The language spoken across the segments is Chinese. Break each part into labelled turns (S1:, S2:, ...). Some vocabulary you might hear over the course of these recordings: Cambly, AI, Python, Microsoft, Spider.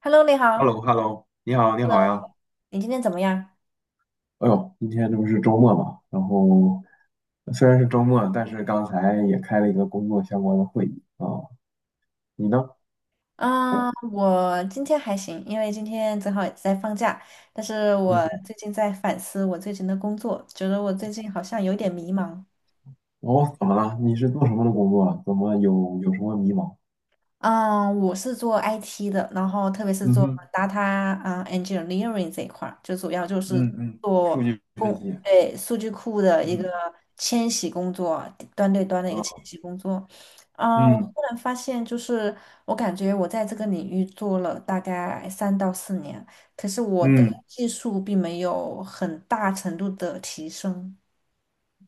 S1: Hello，你
S2: h e l l o
S1: 好。
S2: h e l l o 你好，你
S1: Hello，
S2: 好呀。
S1: 你今天怎么样？
S2: 哎呦，今天这不是周末嘛，然后虽然是周末，但是刚才也开了一个工作相关的会议啊。你呢？
S1: 我今天还行，因为今天正好也在放假。但是我
S2: 嗯，
S1: 最近在反思我最近的工作，觉得我最近好像有点迷茫。
S2: 哦，怎么了？你是做什么的工作啊？怎么有什么迷茫？
S1: 嗯，我是做 IT 的，然后特别是
S2: 嗯
S1: 做
S2: 哼，
S1: data engineering 这一块儿，就主要就是
S2: 嗯嗯，数据分析。
S1: 对，数据库的一
S2: 嗯
S1: 个迁徙工作，端对端的一
S2: 啊，
S1: 个迁徙工作。我
S2: 嗯
S1: 忽然发现，就是我感觉我在这个领域做了大概三到四年，可是我的
S2: 嗯
S1: 技术并没有很大程度的提升。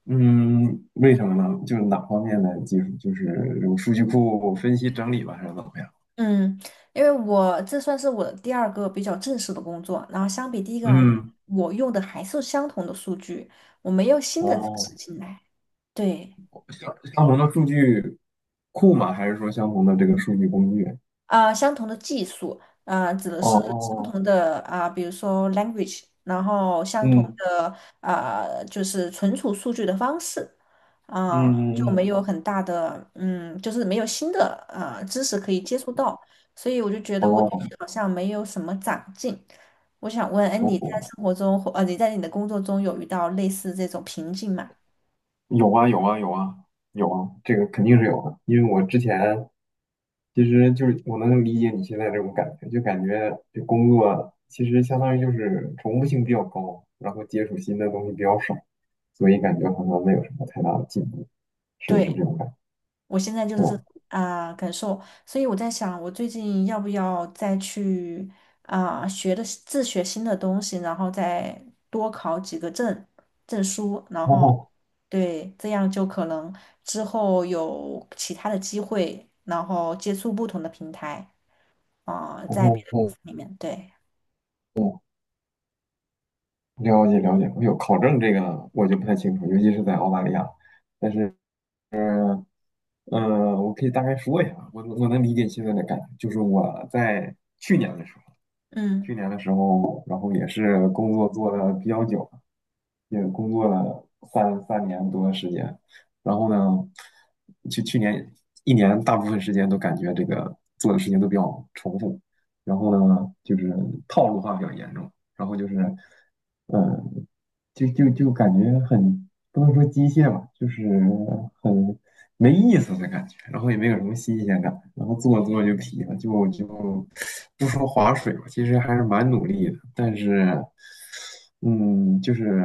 S2: 嗯，为什么呢？就是哪方面的技术？就是这种数据库分析整理吧，还是怎么样？
S1: 嗯，因为我这算是我的第二个比较正式的工作，然后相比第一个而言，
S2: 嗯，
S1: 我用的还是相同的数据，我没有新的知
S2: 哦。
S1: 识进来。对。
S2: 相同的数据库吗？还是说相同的这个数据工具？
S1: 相同的技术，指的
S2: 哦，
S1: 是
S2: 哦
S1: 相
S2: 哦，
S1: 同的比如说 language，然后相同
S2: 嗯
S1: 的就是存储数据的方式，
S2: 嗯
S1: 就
S2: 嗯
S1: 没
S2: 嗯，
S1: 有很大的，嗯，就是没有新的知识可以接触到，所以我就觉得我最近
S2: 哦
S1: 好像没有什么长进。我想问，哎，你在
S2: 哦，
S1: 生活中或，你在你的工作中有遇到类似这种瓶颈吗？
S2: 有啊有啊有啊有啊，这个肯定是有的，因为我之前其实就是我能理解你现在这种感觉，就感觉这工作其实相当于就是重复性比较高，然后接触新的东西比较少，所以感觉好像没有什么太大的进步，是不是
S1: 对。
S2: 这种感觉？
S1: 我现在就
S2: 对
S1: 是这
S2: 吧？
S1: 种感受，所以我在想，我最近要不要再去学的自学新的东西，然后再多考几个证书，然
S2: 哦
S1: 后
S2: 哦
S1: 对，这样就可能之后有其他的机会，然后接触不同的平台在别
S2: 哦
S1: 的公
S2: 哦。
S1: 司里面，对，
S2: 哦了解了解，我有考证这个我就不太清楚，尤其是在澳大利亚。但是，我可以大概说一下，我能理解现在的感觉，就是我在去年的时候，
S1: 嗯。
S2: 然后也是工作做的比较久，也工作了三年多的时间，然后呢，去年一年大部分时间都感觉这个做的事情都比较重复，然后呢，就是套路化比较严重，然后就是，嗯，就感觉很不能说机械吧，就是很没意思的感觉，然后也没有什么新鲜感，然后做着做着就疲了，就不说划水吧，其实还是蛮努力的，但是就是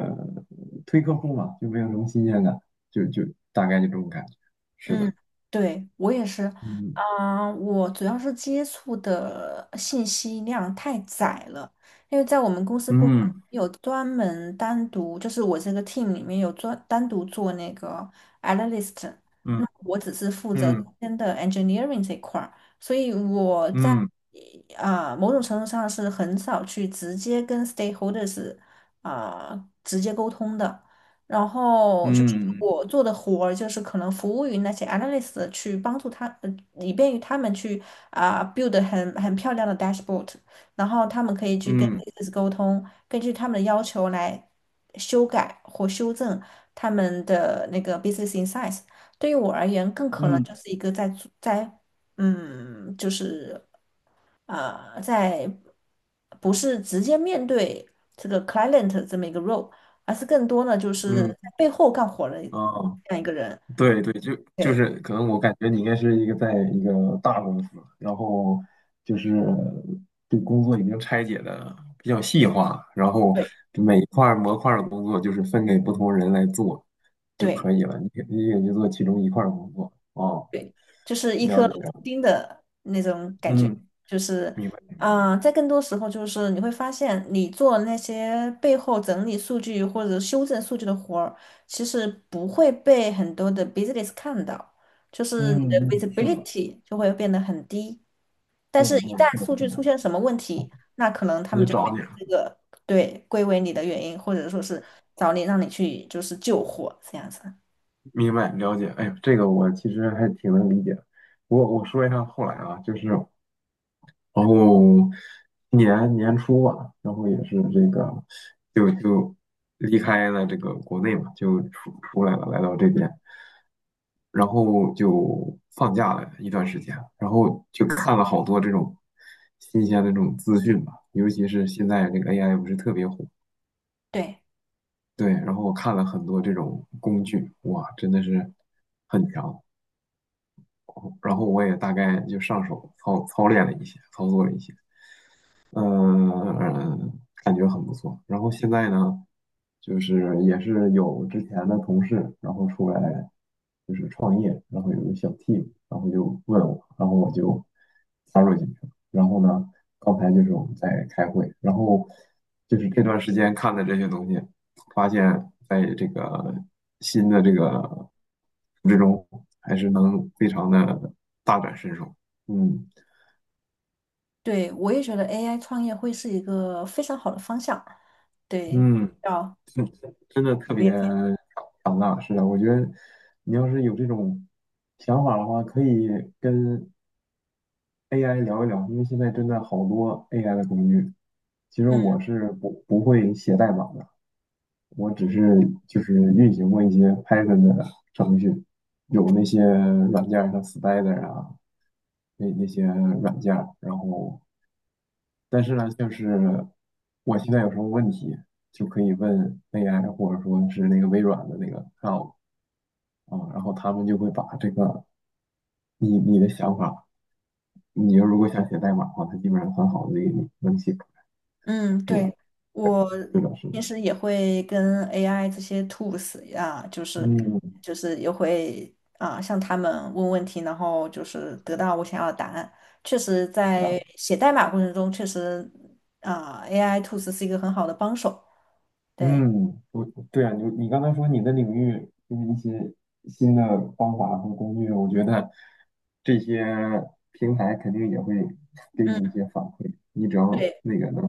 S2: 推客户嘛，就没有什么新鲜感，就大概就这种感觉，是
S1: 嗯，
S2: 的，
S1: 对，我也是，
S2: 嗯
S1: 我主要是接触的信息量太窄了，因为在我们公司部门
S2: 嗯
S1: 有专门单独，就是我这个 team 里面有专单独做那个 analyst，那
S2: 嗯
S1: 我只是负责中
S2: 嗯
S1: 间的 engineering 这一块儿，所以我在
S2: 嗯
S1: 某种程度上是很少去直接跟 stakeholders 直接沟通的。然后就是
S2: 嗯
S1: 我做的活儿，就是可能服务于那些 analyst 去帮助他，以便于他们去build 很漂亮的 dashboard，然后他们可以去跟
S2: 嗯
S1: business 沟通，根据他们的要求来修改或修正他们的那个 business insights。
S2: 嗯
S1: 嗯，就是啊，在不是直接面对这个 client 这么一个 role，而是更多呢就是
S2: 嗯
S1: 在
S2: 嗯，
S1: 背后干活的这
S2: 哦。
S1: 样一个人。
S2: 对对，就就
S1: 对，
S2: 是可能我感觉你应该是一个在一个大公司，然后就是对工作已经拆解的比较细化，然后
S1: 对。
S2: 就每一块儿模块儿的工作就是分给不同人来做就
S1: 对
S2: 可以了，你也就做其中一块儿工作哦，
S1: 对，就是一
S2: 了
S1: 颗
S2: 解
S1: 螺丝
S2: 了解，
S1: 钉的那种感觉，
S2: 嗯，
S1: 就是，
S2: 明白明白，
S1: 啊，在更多时候就是你会发现，你做那些背后整理数据或者修正数据的活儿，其实不会被很多的 business 看到，就是你的
S2: 嗯嗯，是的，
S1: visibility 就会变得很低。但
S2: 是
S1: 是，一
S2: 的，是
S1: 旦
S2: 的，
S1: 数
S2: 是
S1: 据出
S2: 的。
S1: 现什么问题，那可能他
S2: 那
S1: 们
S2: 就
S1: 就会
S2: 找你
S1: 把
S2: 了。
S1: 这个对归为你的原因，或者说是找你让你去就是救火这样子。
S2: 明白了解，哎呦，这个我其实还挺能理解，我说一下后来啊，就是。然后年初吧，然后也是这个，就离开了这个国内嘛，就出来了，来到这边，然后就放假了一段时间，然后就看了好多这种新鲜的这种资讯吧，尤其是现在这个 AI 不是特别火，
S1: 对。
S2: 对，然后我看了很多这种工具，哇，真的是很强，然后我也大概就上手操练了一些，操作了一些。嗯，感觉很不错。然后现在呢，就是也是有之前的同事，然后出来就是创业，然后有个小 team，然后就问我，然后我就加入进去了。然后呢，刚才就是我们在开会，然后就是这段时间看的这些东西，发现在这个新的这个还是能非常的大展身手。嗯
S1: 对，我也觉得 AI 创业会是一个非常好的方向。对，
S2: 嗯，
S1: 要
S2: 真真的特
S1: 我
S2: 别。
S1: 也
S2: 你要是有这种想法的话，可以跟 AI 聊一聊，因为现在真的好多 AI 的工具。其实
S1: 嗯
S2: 我是不会写代码的，我只是就是运行过一些 Python 的程序，有那些软件儿像 Spider 啊，那些软件儿然后，但是呢，就是我现在有什么问题，就可以问 AI，或者说是那个微软的那个 c l a 啊，然后他们就会把这个你的想法。你要如果想写代码的话，它基本上很好的给你能写出来。
S1: 嗯，
S2: 是的，
S1: 对，
S2: 对，
S1: 我
S2: 是的，是的，
S1: 平时也会跟 AI 这些 tools 啊，就是
S2: 嗯，
S1: 就是也会啊向他们问问题，然后就是得到我想要的答案。确实，
S2: 是
S1: 在
S2: 啊，
S1: 写代码过程中，确实啊 AI tools 是一个很好的帮手。对，
S2: 嗯，我对啊，你刚才说你的领域就是一些新的方法和工具，我觉得这些平台肯定也会给你一
S1: 嗯。
S2: 些反馈，你只要
S1: 对。
S2: 那个能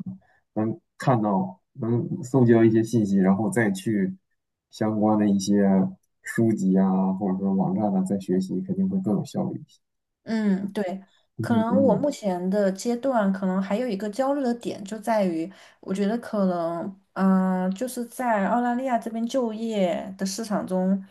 S2: 能看到，能搜集到一些信息，然后再去相关的一些书籍啊，或者说网站啊，再学习，肯定会更有效率一些。
S1: 嗯，对，可
S2: 嗯
S1: 能我
S2: 嗯，
S1: 目前的阶段，可能还有一个焦虑的点就在于，我觉得可能，就是在澳大利亚这边就业的市场中，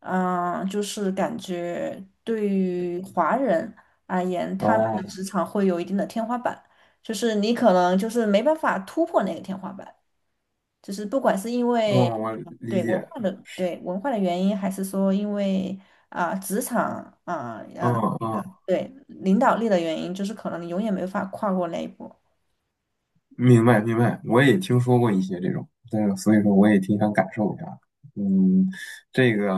S1: 就是感觉对于华人而言，他们的
S2: 哦，
S1: 职场会有一定的天花板，就是你可能就是没办法突破那个天花板，就是不管是因为
S2: 嗯，我理解，
S1: 对文化的原因，还是说因为。职场啊啊、
S2: 嗯
S1: 呃
S2: 嗯，
S1: 对，领导力的原因就是可能你永远没法跨过那一步。
S2: 明白明白，我也听说过一些这种，但是所以说我也挺想感受一下，嗯，这个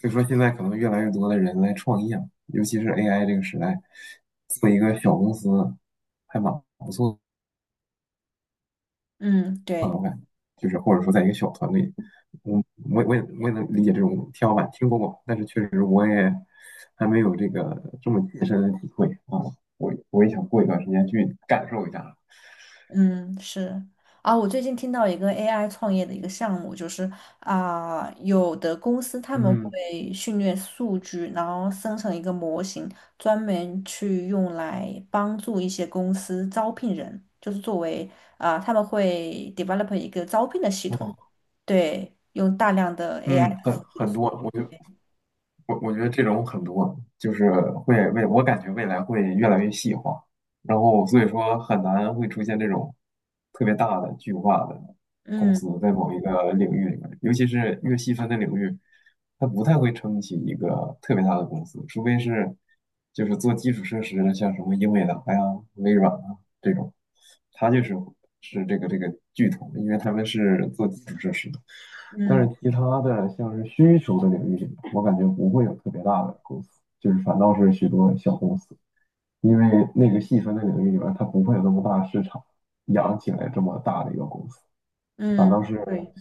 S2: 所以说现在可能越来越多的人来创业，尤其是 AI 这个时代，做一个小公司还蛮不错
S1: 嗯，
S2: 的，
S1: 对，
S2: 我感觉，就是或者说在一个小团队，我我也能理解这种天花板，听说过，但是确实我也还没有这个这么切身的体会啊，我也想过一段时间去感受一下。
S1: 嗯，是。啊，我最近听到一个 AI 创业的一个项目，就是有的公司他们
S2: 嗯，
S1: 会训练数据，然后生成一个模型，专门去用来帮助一些公司招聘人，就是作为他们会 develop 一个招聘的系
S2: 嗯
S1: 统，对，用大量的 AI
S2: 嗯，很
S1: 服务的，
S2: 很多，我觉得这种很多，就是会未我感觉未来会越来越细化，然后所以说很难会出现这种特别大的巨化的公
S1: 嗯
S2: 司在某一个领域里面，尤其是越细分的领域，它不太会撑起一个特别大的公司，除非是就是做基础设施的，像什么英伟达呀、微软啊这种。他就是这个巨头，因为他们是做基础设施的。但
S1: 嗯
S2: 是其他的像是需求的领域，我感觉不会有特别大的公司，就是反倒是许多小公司，因为那个细分的领域里边，它不会有那么大市场养起来这么大的一个公司。
S1: 嗯，对，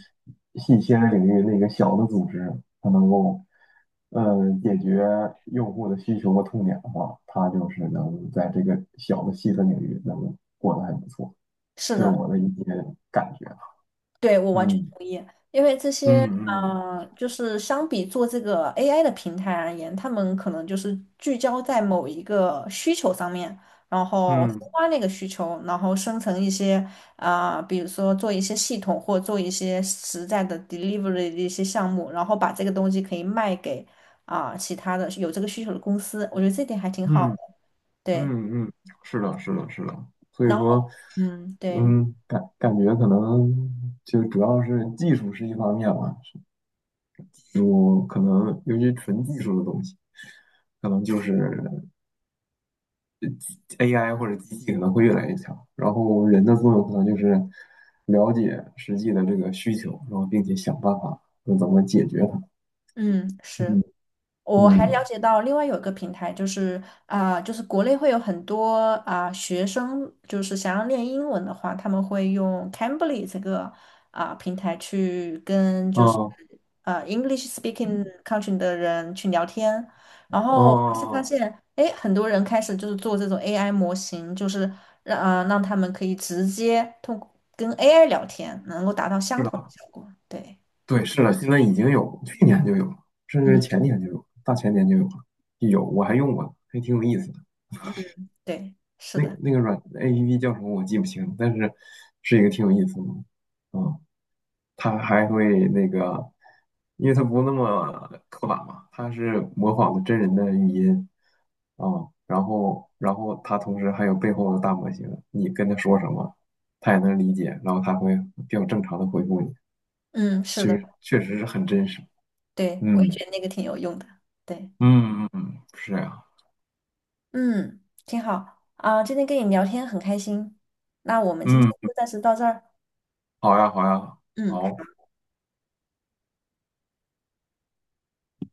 S2: 细切的领域那个小的组织，它能够解决用户的需求和痛点的话，它就是能在这个小的细分领域能过得还不错。
S1: 是
S2: 这是
S1: 的。
S2: 我的一些感觉。
S1: 对，我完全
S2: 嗯
S1: 同意，因为这
S2: 嗯
S1: 些，
S2: 嗯
S1: 就是相比做这个 AI 的平台而言，他们可能就是聚焦在某一个需求上面，然后深
S2: 嗯
S1: 挖那个需求，然后生成一些，比如说做一些系统或做一些实在的 delivery 的一些项目，然后把这个东西可以卖给其他的有这个需求的公司，我觉得这点还挺好的。
S2: 嗯
S1: 对，
S2: 嗯嗯，是的，是的，是的。所以
S1: 然后，
S2: 说，
S1: 嗯，对，
S2: 感觉可能就主要是技术是一方面吧，我可能尤其纯技术的东西，可能就是 AI 或者机器可能会越来越强，然后人的作用可能就是了解实际的这个需求，然后并且想办法那怎么解决它。
S1: 嗯，是。
S2: 嗯
S1: 我还
S2: 嗯
S1: 了解到另外有一个平台，就是就是国内会有很多学生，就是想要练英文的话，他们会用 Cambly 这个平台去跟就是
S2: 啊
S1: 啊 English speaking country 的人去聊天，然后就是发
S2: 啊。
S1: 现，哎，很多人开始就是做这种 AI 模型，就是让让他们可以直接通过跟 AI 聊天，能够达到相同的效果。对，
S2: 对，是的，现在已经有，去年就有了，甚至
S1: 嗯，
S2: 前年就有了，大前年就有了，有，我还用过，还挺有意思的。
S1: 对，是
S2: 那
S1: 的，
S2: 那个APP 叫什么我记不清，但是是一个挺有意思的。嗯，它还会那个，因为它不那么刻板嘛，它是模仿的真人的语音啊、然后它同时还有背后的大模型，你跟它说什么，它也能理解，然后它会比较正常的回复你，
S1: 嗯，
S2: 其
S1: 是的。
S2: 实确实是很真实。
S1: 对，我也
S2: 嗯。
S1: 觉得那个挺有用的。对，
S2: 嗯嗯嗯，是这样，
S1: 嗯，挺好啊，今天跟你聊天很开心。那我们今
S2: 嗯，
S1: 天就暂时到这儿。
S2: 好呀好呀，
S1: 嗯。
S2: 好，